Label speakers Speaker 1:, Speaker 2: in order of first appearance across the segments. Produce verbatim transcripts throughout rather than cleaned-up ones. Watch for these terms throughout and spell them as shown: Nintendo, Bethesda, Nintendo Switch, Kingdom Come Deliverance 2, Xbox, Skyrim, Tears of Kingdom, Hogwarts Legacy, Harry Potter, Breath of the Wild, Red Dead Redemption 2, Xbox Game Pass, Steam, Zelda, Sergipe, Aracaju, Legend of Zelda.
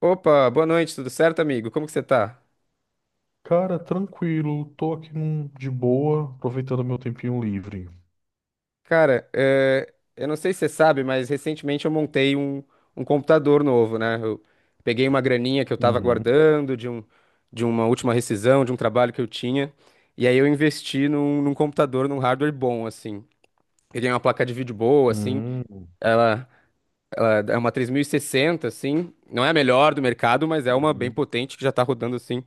Speaker 1: Opa, boa noite, tudo certo, amigo? Como que você tá?
Speaker 2: Cara, tranquilo, tô aqui num- de boa, aproveitando meu tempinho livre.
Speaker 1: Cara, eh, eu não sei se você sabe, mas recentemente eu montei um, um computador novo, né? Eu peguei uma graninha que eu tava
Speaker 2: Uhum.
Speaker 1: guardando de um, de uma última rescisão, de um trabalho que eu tinha, e aí eu investi num, num computador, num hardware bom, assim. Peguei uma placa de vídeo boa, assim,
Speaker 2: Hum,
Speaker 1: ela, ela é uma três mil e sessenta, assim, não é a melhor do mercado, mas é uma bem
Speaker 2: uhum.
Speaker 1: potente que já tá rodando, assim,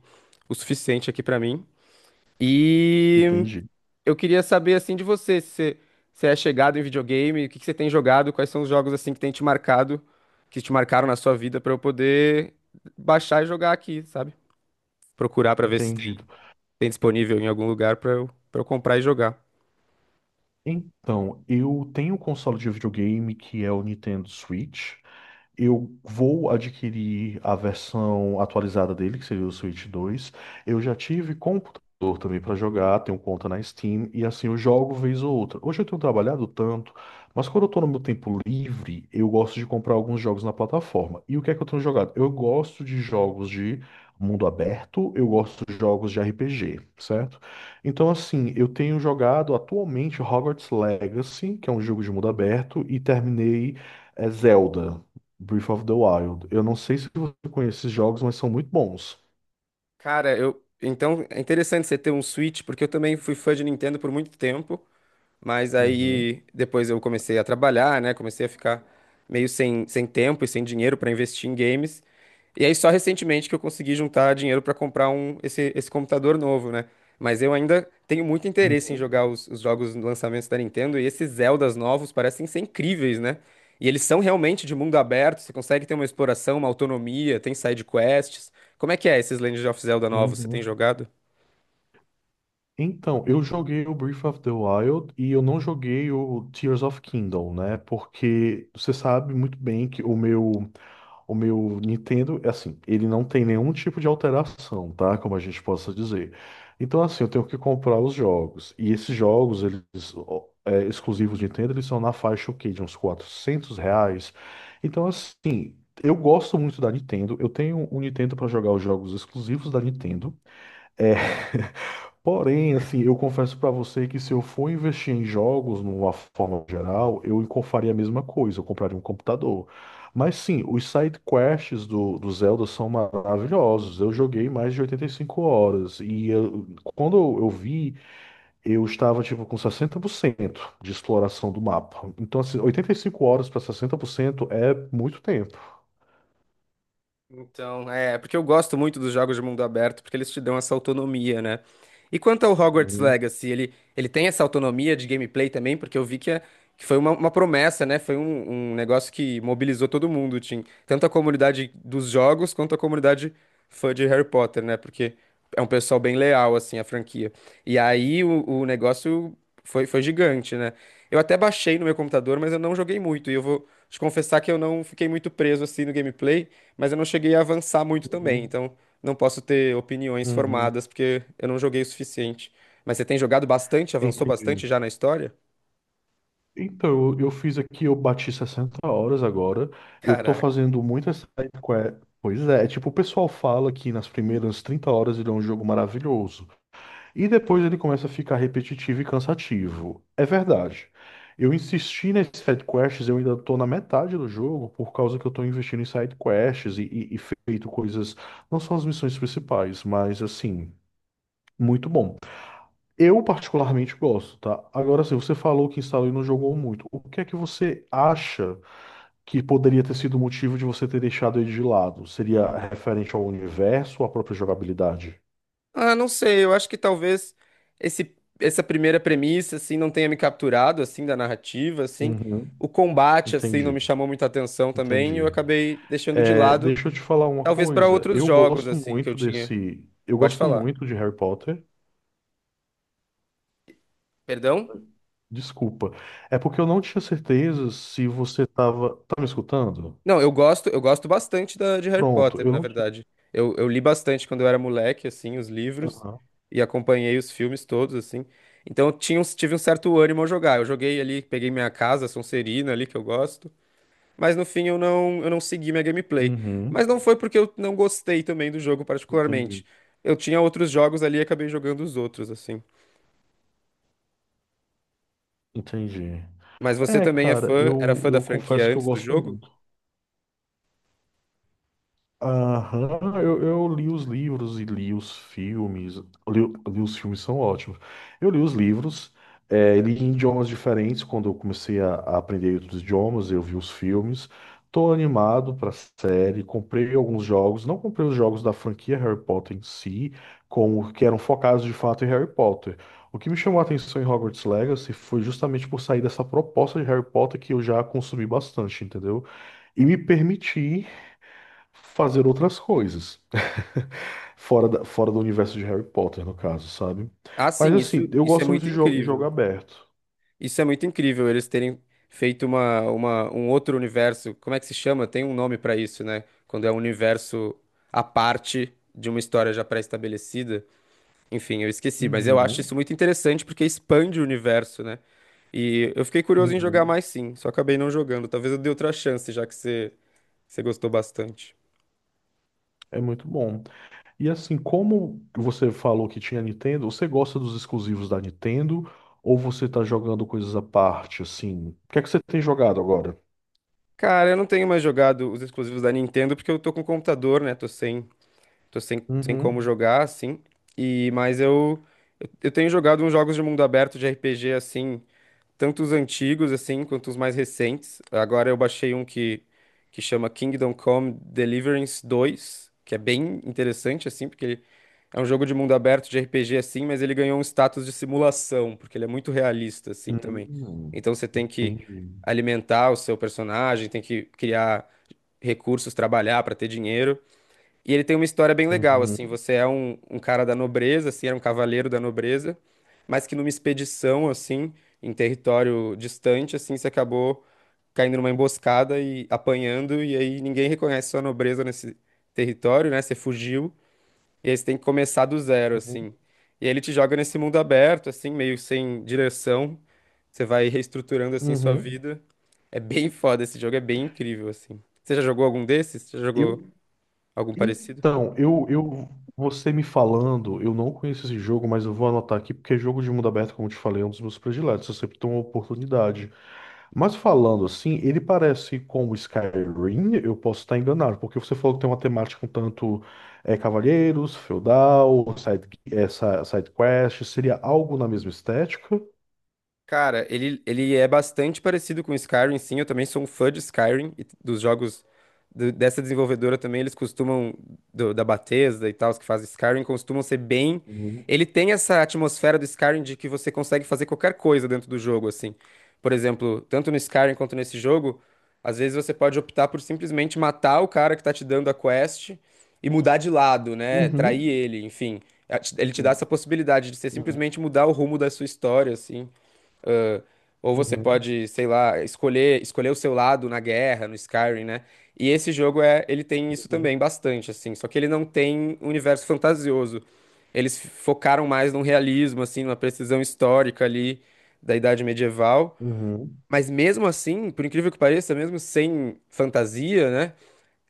Speaker 1: o suficiente aqui pra mim. E
Speaker 2: Entendi,
Speaker 1: eu queria saber assim de você, se você se é chegado em videogame, o que que você tem jogado, quais são os jogos assim que tem te marcado, que te marcaram na sua vida pra eu poder baixar e jogar aqui, sabe? Procurar pra ver se tem,
Speaker 2: entendido.
Speaker 1: tem disponível em algum lugar pra eu, para eu comprar e jogar.
Speaker 2: Então, eu tenho um console de videogame que é o Nintendo Switch. Eu vou adquirir a versão atualizada dele, que seria o Switch dois. Eu já tive computador também para jogar, tenho conta na Steam, e assim eu jogo vez ou outra. Hoje eu tenho trabalhado tanto, mas quando eu tô no meu tempo livre, eu gosto de comprar alguns jogos na plataforma. E o que é que eu tenho jogado? Eu gosto de jogos de mundo aberto, eu gosto de jogos de R P G, certo? Então, assim, eu tenho jogado atualmente Hogwarts Legacy, que é um jogo de mundo aberto, e terminei é Zelda. Breath of the Wild. Eu não sei se você conhece esses jogos, mas são muito bons.
Speaker 1: Cara, eu então é interessante você ter um Switch, porque eu também fui fã de Nintendo por muito tempo. Mas
Speaker 2: Uhum,
Speaker 1: aí depois eu comecei a trabalhar, né? Comecei a ficar meio sem, sem tempo e sem dinheiro para investir em games. E aí só recentemente que eu consegui juntar dinheiro para comprar um, esse, esse computador novo, né? Mas eu ainda tenho muito interesse em
Speaker 2: uhum,
Speaker 1: jogar os, os jogos lançamentos da Nintendo e esses Zeldas novos parecem ser incríveis, né? E eles são realmente de mundo aberto, você consegue ter uma exploração, uma autonomia, tem side quests. Como é que é esses Legend of Zelda novos? Você tem
Speaker 2: uhum.
Speaker 1: jogado?
Speaker 2: Então, eu joguei o Breath of the Wild e eu não joguei o Tears of Kingdom, né? Porque você sabe muito bem que o meu. O meu Nintendo, é assim, ele não tem nenhum tipo de alteração, tá? Como a gente possa dizer. Então, assim, eu tenho que comprar os jogos. E esses jogos, eles, ó, é, exclusivos de Nintendo, eles são na faixa, o quê? De uns quatrocentos reais. Então, assim, eu gosto muito da Nintendo. Eu tenho um Nintendo para jogar os jogos exclusivos da Nintendo. É, Porém, assim, eu confesso pra você que se eu for investir em jogos, numa forma geral, eu co- faria a mesma coisa, eu compraria um computador. Mas sim, os side quests do, do Zelda são maravilhosos. Eu joguei mais de oitenta e cinco horas e eu- quando eu vi, eu estava tipo com sessenta por cento de exploração do mapa. Então, assim, oitenta e cinco horas para sessenta por cento é muito tempo.
Speaker 1: Então, é, porque eu gosto muito dos jogos de mundo aberto, porque eles te dão essa autonomia, né? E quanto ao Hogwarts
Speaker 2: Uhum,
Speaker 1: Legacy, ele, ele tem essa autonomia de gameplay também, porque eu vi que, é- que foi uma, uma promessa, né? Foi um, um negócio que mobilizou todo mundo, Tim. Tanto a comunidade dos jogos quanto a comunidade fã de Harry Potter, né? Porque é um pessoal bem leal, assim, à franquia. E aí o, o negócio foi, foi gigante, né? Eu até baixei no meu computador, mas eu não joguei muito, e eu vou te confessar que eu não fiquei muito preso assim no gameplay, mas eu não cheguei a avançar muito também,
Speaker 2: uhum,
Speaker 1: então não posso ter opiniões
Speaker 2: uhum.
Speaker 1: formadas porque eu não joguei o suficiente. Mas você tem jogado bastante, avançou
Speaker 2: Entendi.
Speaker 1: bastante já na história?
Speaker 2: Então, eu eu fiz aqui, eu bati sessenta horas agora. Eu tô
Speaker 1: Caraca.
Speaker 2: fazendo muitas side que- Pois é, é tipo, o pessoal fala que nas primeiras trinta horas ele é um jogo maravilhoso. E depois ele começa a ficar repetitivo e cansativo. É verdade. Eu insisti nas side quests, eu ainda tô na metade do jogo, por causa que eu tô investindo em side quests e, e e feito coisas, não são as missões principais, mas assim, muito bom. Eu particularmente gosto, tá? Agora, se você falou que instalou e não jogou muito, o que é que você acha que poderia ter sido o motivo de você ter deixado ele de lado? Seria referente ao universo ou à própria jogabilidade?
Speaker 1: Ah, não sei, eu acho que talvez esse, essa primeira premissa, assim, não tenha me capturado, assim, da narrativa, assim.
Speaker 2: Uhum,
Speaker 1: O combate, assim, não
Speaker 2: entendi,
Speaker 1: me chamou muita atenção também, e eu
Speaker 2: entendi.
Speaker 1: acabei deixando de
Speaker 2: É,
Speaker 1: lado,
Speaker 2: deixa eu te falar uma
Speaker 1: talvez para
Speaker 2: coisa.
Speaker 1: outros
Speaker 2: Eu
Speaker 1: jogos,
Speaker 2: gosto
Speaker 1: assim, que eu
Speaker 2: muito
Speaker 1: tinha.
Speaker 2: desse. Eu
Speaker 1: Pode
Speaker 2: gosto
Speaker 1: falar.
Speaker 2: muito de Harry Potter.
Speaker 1: Perdão?
Speaker 2: Desculpa. É porque eu não tinha certeza se você tava. Tá me escutando?
Speaker 1: Não, eu gosto, eu gosto bastante da, de Harry
Speaker 2: Pronto,
Speaker 1: Potter,
Speaker 2: eu
Speaker 1: na
Speaker 2: não tinha.
Speaker 1: verdade. Eu, eu li bastante quando eu era moleque, assim, os livros,
Speaker 2: Aham.
Speaker 1: e acompanhei os filmes todos, assim. Então eu tinha, um- tive um certo ânimo a jogar. Eu joguei ali, peguei minha casa, Sonserina ali, que eu gosto. Mas no fim eu não, eu não segui minha gameplay.
Speaker 2: Uhum,
Speaker 1: Mas não foi porque eu não gostei também do jogo
Speaker 2: entendi.
Speaker 1: particularmente. Eu tinha outros jogos ali e acabei jogando os outros, assim.
Speaker 2: Entendi.
Speaker 1: Mas você
Speaker 2: É,
Speaker 1: também é
Speaker 2: cara,
Speaker 1: fã, era
Speaker 2: eu,
Speaker 1: fã da
Speaker 2: eu
Speaker 1: franquia
Speaker 2: confesso que eu
Speaker 1: antes do
Speaker 2: gosto
Speaker 1: jogo?
Speaker 2: muito. Aham, eu, eu li os livros e li os filmes. Li, li os filmes são ótimos. Eu li os livros, é, li em idiomas diferentes. Quando eu comecei a, a aprender outros idiomas, eu vi os filmes. Tô animado pra série. Comprei alguns jogos. Não comprei os jogos da franquia Harry Potter em si, como que eram focados de fato em Harry Potter. O que me chamou a atenção em Hogwarts Legacy foi justamente por sair dessa proposta de Harry Potter que eu já consumi bastante, entendeu? E me permitir fazer outras coisas. Fora da- fora do universo de Harry Potter, no caso, sabe?
Speaker 1: Ah,
Speaker 2: Mas
Speaker 1: sim, isso,
Speaker 2: assim, eu
Speaker 1: isso é
Speaker 2: gosto muito
Speaker 1: muito
Speaker 2: de jo- jogo
Speaker 1: incrível.
Speaker 2: aberto.
Speaker 1: Isso é muito incrível, eles terem feito uma, uma, um outro universo. Como é que se chama? Tem um nome pra isso, né? Quando é um universo à parte de uma história já pré-estabelecida. Enfim, eu esqueci, mas eu acho
Speaker 2: Uhum,
Speaker 1: isso muito interessante porque expande o universo, né? E eu fiquei curioso em jogar
Speaker 2: uhum.
Speaker 1: mais sim, só acabei não jogando. Talvez eu dê outra chance, já que você, você gostou bastante.
Speaker 2: É muito bom. E assim, como você falou que tinha Nintendo, você gosta dos exclusivos da Nintendo ou você tá jogando coisas à parte, assim? O que é que você tem jogado agora?
Speaker 1: Cara, eu não tenho mais jogado os exclusivos da Nintendo porque eu tô com computador, né? Tô sem. Tô sem, sem como
Speaker 2: Uhum.
Speaker 1: jogar, assim. E, mas eu, eu, eu tenho jogado uns jogos de mundo aberto de R P G, assim, tanto os antigos, assim, quanto os mais recentes. Agora eu baixei um que, que chama Kingdom Come Deliverance dois, que é bem interessante, assim, porque ele é um jogo de mundo aberto de R P G, assim, mas ele ganhou um status de simulação, porque ele é muito realista, assim, também.
Speaker 2: Hum,
Speaker 1: Então você tem que
Speaker 2: entendi.
Speaker 1: alimentar o seu personagem, tem que criar recursos, trabalhar para ter dinheiro. E ele tem uma história bem legal,
Speaker 2: Uhum,
Speaker 1: assim. Você é um, um cara da nobreza, assim, era um cavaleiro da nobreza, mas que numa expedição, assim, em território distante, assim, você acabou caindo numa emboscada e apanhando, e aí ninguém reconhece sua nobreza nesse território, né? Você fugiu, e aí você tem que começar do zero,
Speaker 2: uhum,
Speaker 1: assim. E aí ele te joga nesse mundo aberto, assim, meio sem direção. Você vai reestruturando, assim, sua
Speaker 2: uhum.
Speaker 1: vida. É bem foda, esse jogo é bem incrível, assim. Você já jogou algum desses? Você já jogou
Speaker 2: Eu
Speaker 1: algum parecido?
Speaker 2: Então, eu, eu, você me falando, eu não conheço esse jogo, mas eu vou anotar aqui, porque jogo de mundo aberto, como eu te falei, é um dos meus prediletos, eu sempre tenho uma oportunidade. Mas falando assim, ele parece com o Skyrim, eu posso estar enganado, porque você falou que tem uma temática um tanto é, cavalheiros, feudal, side, é, sa- side quest, seria algo na mesma estética?
Speaker 1: Cara, ele, ele é bastante parecido com Skyrim, sim. Eu também sou um fã de Skyrim e dos jogos do- dessa desenvolvedora também. Eles costumam, do- da Bethesda e tal, os que fazem Skyrim, costumam ser bem.
Speaker 2: Uhum.
Speaker 1: Ele tem essa atmosfera do Skyrim de que você consegue fazer qualquer coisa dentro do jogo, assim. Por exemplo, tanto no Skyrim quanto nesse jogo, às vezes você pode optar por simplesmente matar o cara que tá te dando a quest e mudar de lado, né? Trair
Speaker 2: Uhum.
Speaker 1: ele, enfim. Ele te dá essa possibilidade de você
Speaker 2: Uhum.
Speaker 1: simplesmente mudar o rumo da sua história, assim. Ou você
Speaker 2: Uhum.
Speaker 1: pode, sei lá, escolher, escolher o seu lado na guerra, no Skyrim, né? E esse jogo é, ele tem isso também
Speaker 2: Uhum.
Speaker 1: bastante, assim. Só que ele não tem um universo fantasioso. Eles f- focaram mais num realismo, assim, numa precisão histórica ali da Idade Medieval.
Speaker 2: Uhum.
Speaker 1: Mas mesmo assim, por incrível que pareça, mesmo sem fantasia, né?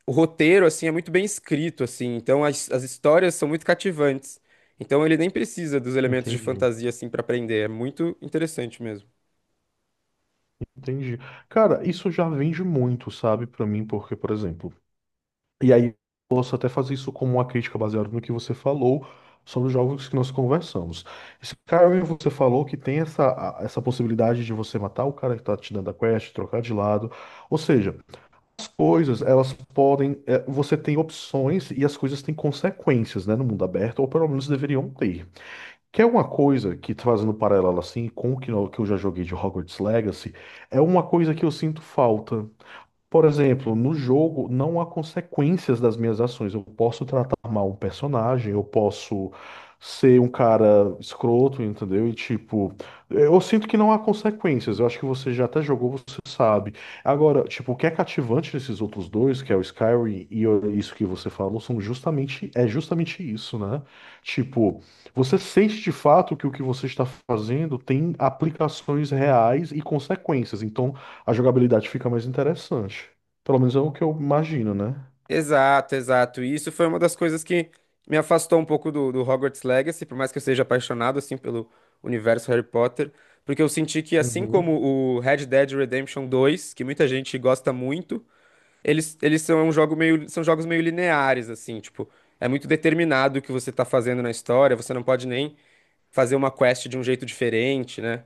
Speaker 1: O roteiro, assim, é muito bem escrito, assim. Então as, as histórias são muito cativantes. Então ele nem precisa dos elementos de
Speaker 2: Entendi.
Speaker 1: fantasia, assim, para prender. É muito interessante mesmo.
Speaker 2: Entendi. Cara, isso já vende muito, sabe, pra mim, porque, por exemplo, e aí eu posso até fazer isso como uma crítica baseada no que você falou sobre os jogos que nós conversamos. Skyrim, você falou que tem essa, a- essa possibilidade de você matar o cara que tá te dando a quest, trocar de lado. Ou seja, as coisas, elas podem, é, você tem opções e as coisas têm consequências, né, no mundo aberto, ou pelo menos deveriam ter. Que é uma coisa que, fazendo um paralelo assim com o que no- que eu já joguei de Hogwarts Legacy, é uma coisa que eu sinto falta. Por exemplo, no jogo não há consequências das minhas ações. Eu posso tratar mal um personagem, eu posso ser um cara escroto, entendeu? E tipo, eu sinto que não há consequências. Eu acho que você já até jogou, você sabe. Agora, tipo, o que é cativante nesses outros dois, que é o Skyrim e o- isso que você falou, são justamente é justamente isso, né? Tipo, você sente de fato que o que você está fazendo tem aplicações reais e consequências. Então, a jogabilidade fica mais interessante. Pelo menos é o que eu imagino, né?
Speaker 1: Exato, exato. E isso foi uma das coisas que me afastou um pouco do, do Hogwarts Legacy, por mais que eu seja apaixonado assim pelo universo Harry Potter, porque eu senti que assim como
Speaker 2: Uhum,
Speaker 1: o Red Dead Redemption dois, que muita gente gosta muito, eles, eles são um jogo meio, são jogos meio lineares assim, tipo, é muito determinado o que você tá fazendo na história, você não pode nem fazer uma quest de um jeito diferente, né?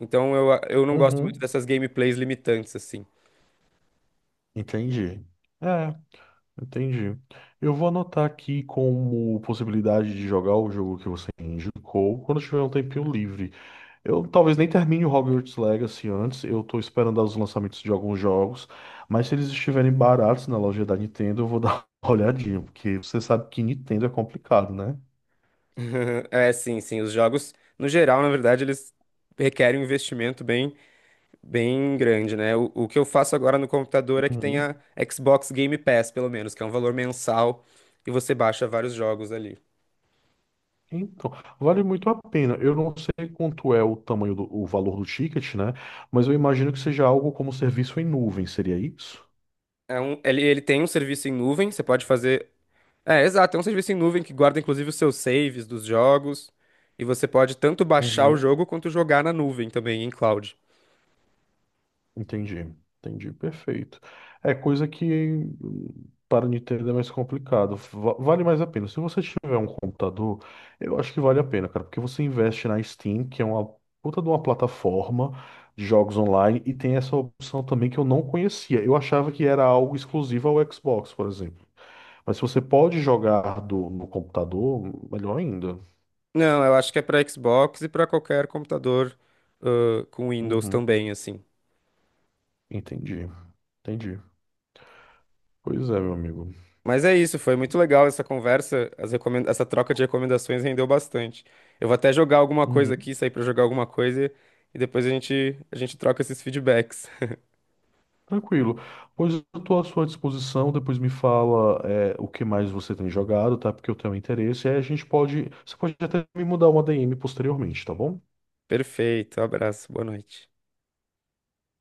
Speaker 1: Então eu, eu não gosto muito
Speaker 2: uhum.
Speaker 1: dessas gameplays limitantes assim.
Speaker 2: Entendi. É, entendi. Eu vou anotar aqui como possibilidade de jogar o jogo que você indicou quando eu tiver um tempinho livre. Eu talvez nem termine o Hogwarts Legacy antes, eu tô esperando os lançamentos de alguns jogos, mas se eles estiverem baratos na loja da Nintendo, eu vou dar uma olhadinha, porque você sabe que Nintendo é complicado, né?
Speaker 1: É, sim, sim. Os jogos, no geral, na verdade, eles requerem um investimento bem, bem grande, né? O, o que eu faço agora no computador é que tem
Speaker 2: Uhum.
Speaker 1: a Xbox Game Pass, pelo menos, que é um valor mensal e você baixa vários jogos ali.
Speaker 2: Então, vale muito a pena. Eu não sei quanto é o tamanho do, o valor do ticket, né? Mas eu imagino que seja algo como serviço em nuvem, seria isso?
Speaker 1: É um, ele, ele tem um serviço em nuvem, você pode fazer. É, exato, é um serviço em nuvem que guarda inclusive os seus saves dos jogos e você pode tanto baixar o
Speaker 2: Uhum.
Speaker 1: jogo quanto jogar na nuvem também, em cloud.
Speaker 2: Entendi, entendi, perfeito. É coisa que hum, para Nintendo é mais complicado. Va- Vale mais a pena. Se você tiver um computador, eu acho que vale a pena, cara, porque você investe na Steam, que é uma puta de uma plataforma de jogos online, e tem essa opção também que eu não conhecia. Eu achava que era algo exclusivo ao Xbox, por exemplo. Mas se você pode jogar do, no computador, melhor ainda.
Speaker 1: Não, eu acho que é para Xbox e para qualquer computador ãh, com Windows
Speaker 2: Uhum,
Speaker 1: também, assim.
Speaker 2: entendi, entendi. Pois é, meu amigo.
Speaker 1: Mas é isso, foi muito legal essa conversa, as recomen- essa troca de recomendações rendeu bastante. Eu vou até jogar alguma coisa
Speaker 2: Uhum,
Speaker 1: aqui, sair pra jogar alguma coisa e depois a gente, a gente troca esses feedbacks.
Speaker 2: tranquilo. Pois eu estou à sua disposição. Depois me fala, é, o que mais você tem jogado, tá? Porque eu tenho interesse. E aí a gente pode. Você pode até me mudar uma D M posteriormente, tá bom?
Speaker 1: Perfeito, abraço, boa noite.